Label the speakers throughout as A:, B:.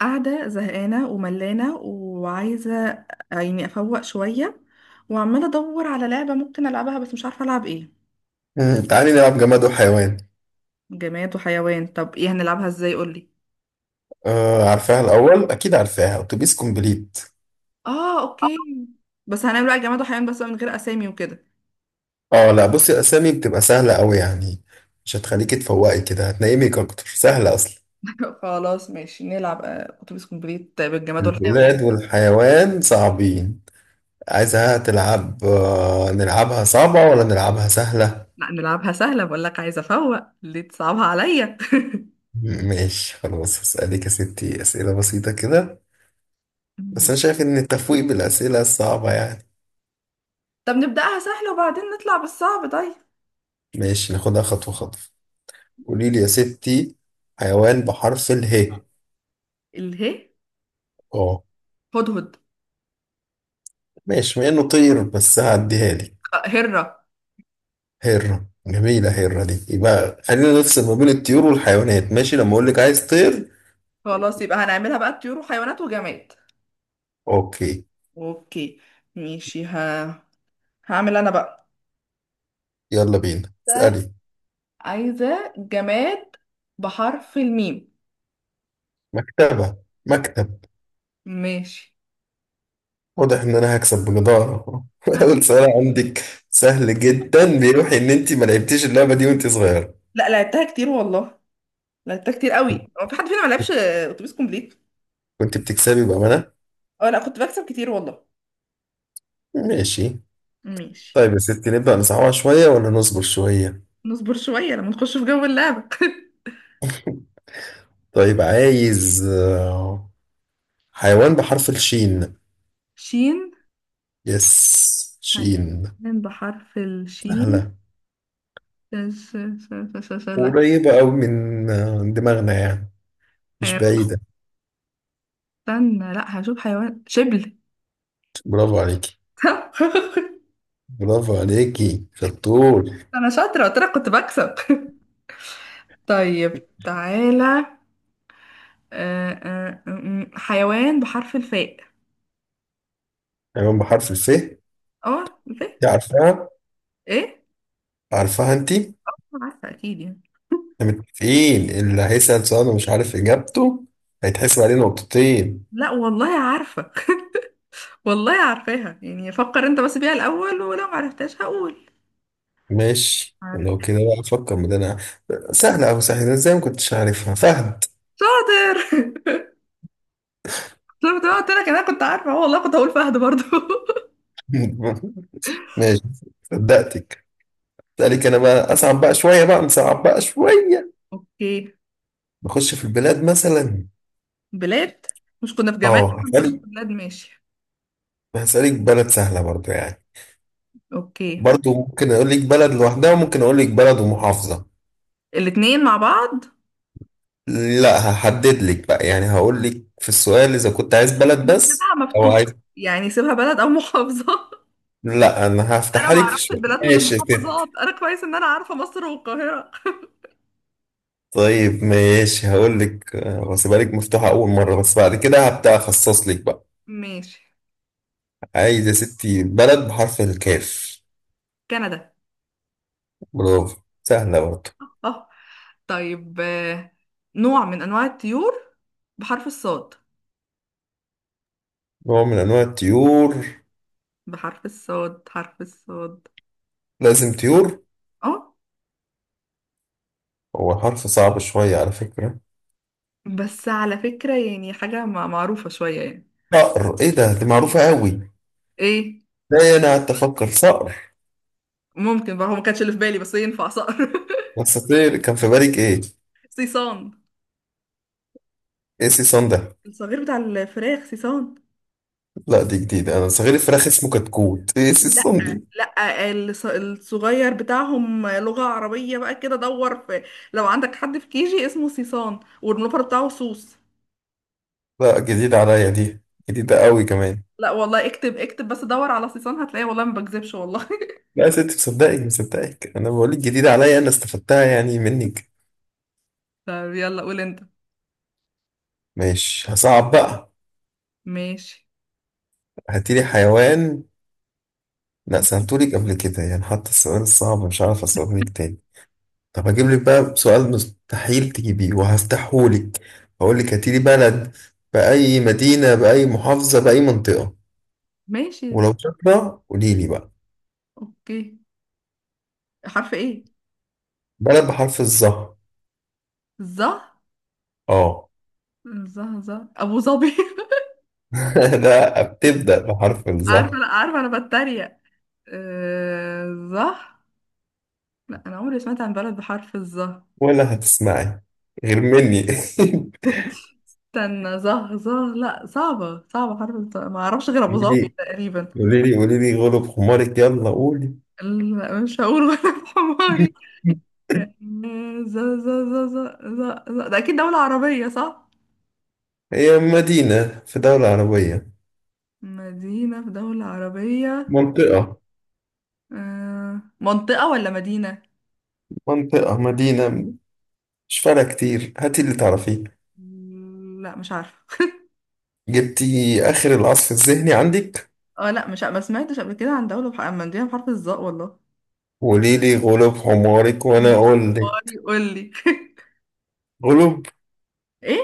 A: قاعدة زهقانة وملانة وعايزة يعني أفوق شوية، وعمالة أدور على لعبة ممكن ألعبها، بس مش عارفة ألعب إيه.
B: تعالي نلعب جماد وحيوان.
A: جماد وحيوان، طب إيه هنلعبها إزاي؟ قولي.
B: آه، عارفاها الأول أكيد. عارفاها أتوبيس كومبليت.
A: آه أوكي. بس هنعمل بقى جماد وحيوان بس من غير أسامي وكده.
B: اه لا، بصي الأسامي بتبقى سهلة أوي يعني. مش هتخليكي تفوقي كده، هتنيمك أكتر، سهلة أصلا.
A: خلاص ماشي نلعب أتوبيس كومبليت بالجماد والحيوان.
B: البلاد والحيوان صعبين. عايزها تلعب، آه نلعبها صعبة ولا نلعبها سهلة؟
A: لا نلعبها سهلة، بقول لك عايزة أفوق، ليه تصعبها عليا؟
B: ماشي خلاص، هسألك يا ستي أسئلة بسيطة كده. بس أنا شايف إن التفويق بالأسئلة الصعبة يعني.
A: طب نبدأها سهلة وبعدين نطلع بالصعب، طيب.
B: ماشي ناخدها خطوة خطوة. قوليلي يا ستي، حيوان بحرف اله.
A: الهي. هدهد.
B: ماشي مع انه طير بس هعديها لك.
A: هرة.
B: هرة جميلة، هرة دي يبقى. خلينا نفصل ما بين الطيور والحيوانات، ماشي؟ لما اقول لك عايز طير.
A: خلاص يبقى هنعملها بقى طيور وحيوانات وجماد.
B: اوكي.
A: اوكي. ماشي هعمل انا بقى.
B: يلا بينا
A: ده
B: اسألي.
A: عايزة جماد بحرف الميم.
B: مكتبة، مكتب.
A: ماشي.
B: واضح ان انا هكسب بجدارة. اول سؤال عندك سهل جدا، بيوحي ان انت ما لعبتيش اللعبة دي وانت صغيرة.
A: لا لعبتها كتير والله، لعبتها كتير قوي. هو في حد فينا ما لعبش اتوبيس كومبليت؟
B: كنت بتكسبي بأمانة.
A: اه لا، كنت بكسب كتير والله.
B: ماشي.
A: ماشي.
B: طيب يا ستي، نبدأ نصعبها شوية ولا نصبر شوية؟
A: نصبر شوية لما نخش في جو اللعبة.
B: طيب، عايز حيوان بحرف الشين.
A: شين.
B: يس، شين.
A: حيوان بحرف الشين.
B: سهلة.
A: ش... ش... ش... لا.
B: وقريبة أوي من دماغنا يعني، مش
A: حيوان،
B: بعيدة.
A: استنى، لا هشوف. حيوان شبل.
B: برافو عليكي. برافو عليكي، شطور.
A: انا شاطرة، قلت لك كنت بكسب. طيب، تعالى. حيوان بحرف الفاء.
B: حيوان بحرف الف.
A: اه الفاء.
B: دي عارفاها.
A: ايه؟
B: عارفاها انتي.
A: عارفة اكيد يعني.
B: احنا متفقين اللي هيسأل سؤال ومش عارف إجابته هيتحسب عليه نقطتين.
A: لا والله عارفة. والله عارفاها يعني، فكر انت بس بيها الاول، ولو معرفتهاش هقول.
B: ماشي،
A: عارف.
B: لو كده بقى أفكر من أنا. سهلة أوي، سهلة إزاي ما كنتش عارفها؟ فهد.
A: شاطر. شفت بقى، قلت لك انا كنت عارفة، اه والله كنت هقول فهد برضو.
B: ماشي. صدقتك. أسألك أنا بقى، أصعب بقى شوية بقى نصعب بقى شوية.
A: اوكي.
B: نخش في البلاد مثلا.
A: بلاد، مش كنا في جمال؟
B: اه،
A: مش
B: هسألك
A: في بلاد ماشي.
B: هسألك بلد سهلة برضو يعني.
A: اوكي.
B: برضو ممكن اقول لك بلد لوحدها، وممكن اقول لك بلد ومحافظة.
A: الاتنين مع بعض.
B: لا، هحدد لك بقى يعني. هقول لك في السؤال اذا كنت عايز بلد
A: ما
B: بس
A: تسيبها
B: او عايز.
A: مفتوحة يعني، سيبها بلد او محافظة.
B: لا، انا
A: انا
B: هفتحها
A: ما
B: لك في
A: اعرفش
B: شوية
A: البلاد من
B: ماشي كده.
A: المحافظات، انا كويس ان انا عارفه مصر والقاهره.
B: طيب ماشي، هقول لك واسيبها لك مفتوحة اول مرة، بس بعد كده هبدأ اخصص لك بقى.
A: ماشي.
B: عايز يا ستي بلد بحرف الكاف.
A: كندا.
B: برافو. سهلة برضو.
A: اه. طيب نوع من انواع الطيور بحرف الصاد.
B: نوع من انواع الطيور.
A: حرف الصاد.
B: لازم طيور.
A: اه.
B: هو حرف صعب شوية على فكرة.
A: بس على فكره يعني حاجه معروفه شويه يعني.
B: صقر. ايه ده، دي معروفة قوي.
A: ايه.
B: لا انا قعدت افكر، صقر.
A: ممكن بقى، هو ما كانش اللي في بالي، بس ينفع صقر.
B: اساطير كان في بالك ايه؟
A: صيصان.
B: ايه سي صن ده؟
A: الصغير بتاع الفراخ صيصان.
B: لا دي جديدة، انا صغير الفراخ اسمه كتكوت. ايه سي صن دي؟
A: لا الصغير بتاعهم، لغة عربية بقى كده دور. في لو عندك حد في كيجي اسمه سيسان والملوفر بتاعه سوس.
B: لا جديدة عليا دي، جديدة قوي كمان.
A: لا والله، اكتب اكتب بس دور على سيسان هتلاقيه، والله ما بكذبش والله.
B: لا يا ستي، مصدقك مصدقك، انا بقولك جديدة عليا، انا استفدتها يعني منك.
A: طب يلا قول انت.
B: ماشي، هصعب بقى.
A: ماشي
B: هاتيلي حيوان. لا، سألتولك قبل كده يعني، حتى السؤال الصعب مش عارف اسألهولك تاني. طب هجيب لك بقى سؤال مستحيل تجيبيه وهفتحهولك. هقول لك هاتيلي بلد، بأي مدينة بأي محافظة بأي منطقة.
A: ماشي.
B: ولو شاطرة قولي لي بقى.
A: اوكي. حرف ايه؟
B: بلد بحرف الظهر.
A: ظه
B: اه.
A: ظه، ابو ظبي.
B: لا، بتبدأ بحرف
A: عارفة،
B: الظهر.
A: لا عارفة، انا بتريق. آه، ظه. لا انا عمري سمعت عن بلد بحرف الظه.
B: ولا هتسمعي، غير مني.
A: استنى، زه زه لا صعبة صعبة، ما اعرفش غير ابو
B: قولي
A: ظبي
B: لي،
A: تقريبا.
B: قولي لي، قولي لي غلب حمارك، يلا قولي.
A: لا، مش هقول غير بحماري. ز ز ز ز ز ز، ده اكيد دولة عربية، صح؟
B: هي مدينة في دولة عربية.
A: مدينة في دولة عربية.
B: منطقة.
A: منطقة ولا مدينة؟
B: منطقة، مدينة. مش فارقة كتير، هاتي اللي تعرفيه.
A: لا مش عارفة.
B: جبتي آخر العصف الذهني عندك.
A: اه لا مش ع- ما سمعتش قبل كده عن دولة عن مدينة بحرف الظاء، والله.
B: وقولي لي غلب حمارك وأنا أقول
A: حماري
B: لك.
A: قول لي.
B: غلب
A: ايه؟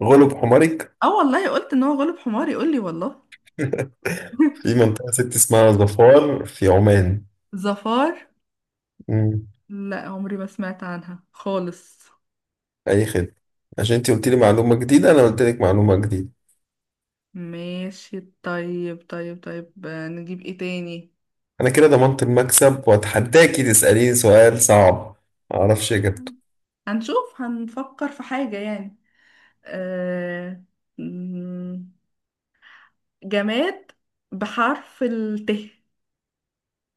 B: غلب حمارك.
A: اه والله، قلت ان هو غلب حماري، قول لي والله.
B: في منطقة ست اسمها ظفار في عمان.
A: ظفار.
B: مم.
A: لا عمري ما سمعت عنها خالص.
B: أي خدمة. عشان أنت قلت لي معلومة جديدة، أنا قلت لك معلومة جديدة.
A: ماشي، طيب طيب طيب، نجيب ايه تاني.
B: أنا كده ضمنت المكسب، وأتحداكي تسأليني سؤال صعب معرفش إجابته.
A: هنشوف هنفكر في حاجة يعني. أه... مم، جماد بحرف الت.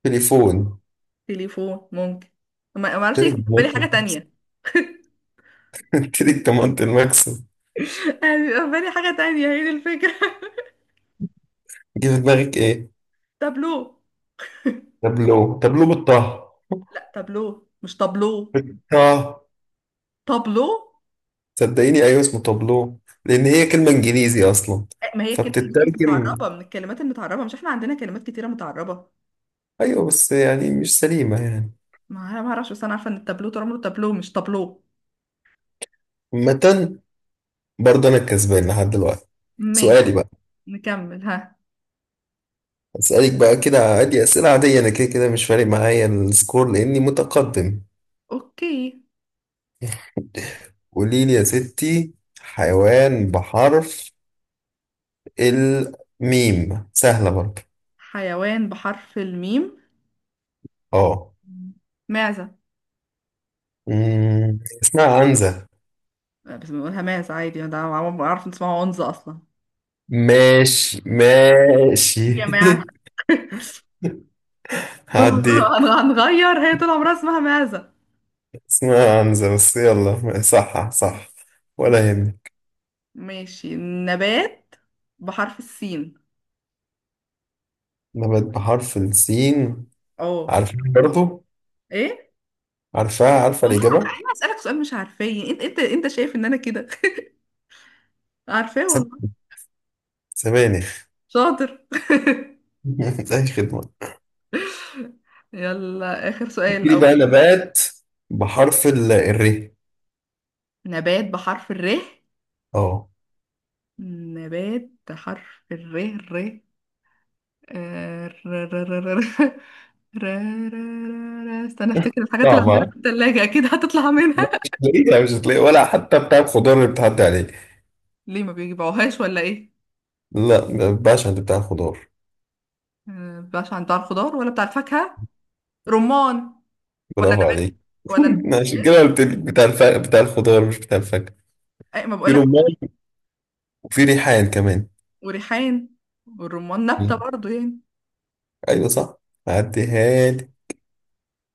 B: تليفون.
A: تليفون ممكن. ما اعرفش
B: قلت
A: ليه
B: لك
A: كان في بالي
B: ضمنت
A: حاجة
B: المكسب.
A: تانية.
B: قلت لك ضمنت المكسب.
A: انا بيبقى في بالي حاجة تانية، هي دي الفكرة.
B: جه في دماغك إيه؟
A: تابلو.
B: تابلو، تابلو بالطه.
A: لا تابلو مش تابلو.
B: بالطه.
A: تابلو.
B: صدقيني، ايوه اسمه تابلو، لان هي كلمه انجليزي اصلا،
A: ما هي كلمة انجليزي بس
B: فبتترجم.
A: متعربة، من الكلمات المتعربة، مش احنا عندنا كلمات كتيرة متعربة.
B: ايوه بس يعني مش سليمه يعني.
A: ما أنا ما اعرفش، بس انا عارفه ان التابلو طول عمره تابلو مش طابلو.
B: متن. برضه انا الكسبان لحد دلوقتي.
A: ما،
B: سؤالي بقى.
A: نكمل ها.
B: اسالك بقى كده عادي، اسئله عاديه، انا كده كده مش فارق معايا السكور لاني متقدم.
A: اوكي.
B: قولي لي يا ستي، حيوان بحرف الميم، سهله برضه.
A: حيوان بحرف الميم.
B: اه.
A: معزه.
B: اسمها عنزه.
A: بس بنقولها معزه عادي، ده عارف ان اسمها عنزه اصلا.
B: ماشي، ماشي.
A: يا جماعه. طول
B: هعديها.
A: عمرها هنغير، هي طول عمرها اسمها معزه.
B: اسمها عنزة بس، يلا صح صح، ولا يهمك.
A: ماشي، نبات بحرف السين.
B: نبات بحرف السين.
A: اه.
B: عارفاه برضه.
A: ايه.
B: عارفاه، عارفة
A: والله.
B: الإجابة.
A: انا اسالك سؤال مش عارفاه، انت شايف ان انا كده. عارفاه
B: سب-
A: والله.
B: سبانخ.
A: شاطر.
B: أي خدمة.
A: يلا آخر سؤال.
B: دي بقى نبات بحرف الر.
A: نبات بحرف الر.
B: اه،
A: نبات بحرف الر. آه، ر ر ر ر ر ر استنى افتكر الحاجات اللي عندنا
B: صعبة.
A: في التلاجة، اكيد هتطلع
B: لا
A: منها.
B: مش هتلاقيها، مش هتلاقيها ولا حتى بتاع الخضار اللي بتعدي عليه.
A: ليه ما بيجيبوهاش ولا ايه؟
B: لا، ما ينفعش عند بتاع الخضار.
A: مبقاش عن بتاع الخضار ولا بتاع الفاكهة. رمان. ولا
B: برافو
A: نبات؟
B: عليك.
A: ولا نبات.
B: عشان كده قلت لك بتاع بتاع الخضار مش بتاع الفاكهة.
A: أي، ما
B: في
A: بقولك.
B: رمان، وفي ريحان كمان.
A: وريحان. والرمان نبتة برضو يعني.
B: ايوه صح، عديها.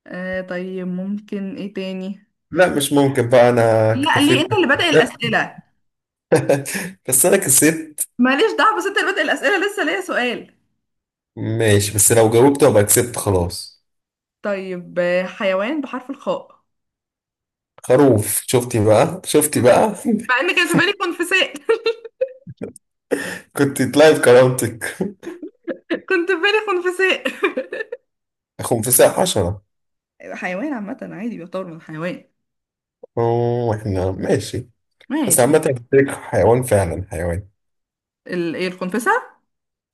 A: آه طيب، ممكن ايه تاني.
B: لا مش ممكن بقى، انا
A: لا ليه،
B: اكتفيت.
A: انت اللي بادئ الأسئلة.
B: بس انا كسبت.
A: ماليش دعوة، بس انت اللي بادئ الأسئلة، لسه ليا سؤال.
B: ماشي، بس لو جاوبت ابقى كسبت خلاص.
A: طيب حيوان بحرف الخاء.
B: خروف. شفتي بقى، شفتي بقى.
A: مع ان كان في بالي خنفساء.
B: كنت تلاقي بكرامتك.
A: كنت في بالي خنفساء.
B: خنفساء حشرة.
A: حيوان عامة عادي، بيعتبر من حيوان.
B: اوه، احنا ماشي. بس عامة
A: ماشي.
B: الفكرة حيوان، فعلا حيوان.
A: ايه الخنفسة؟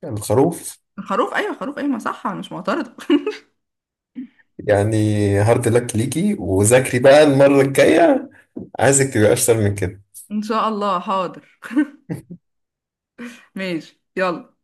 B: الخروف.
A: الخروف، ايوه خروف، ايوه ما صح، انا مش معترضة.
B: يعني، هارد لك ليكي، وذاكري بقى المرة الجاية. عايزك تبقى اشطر من كده.
A: ان شاء الله حاضر. ماشي يلا.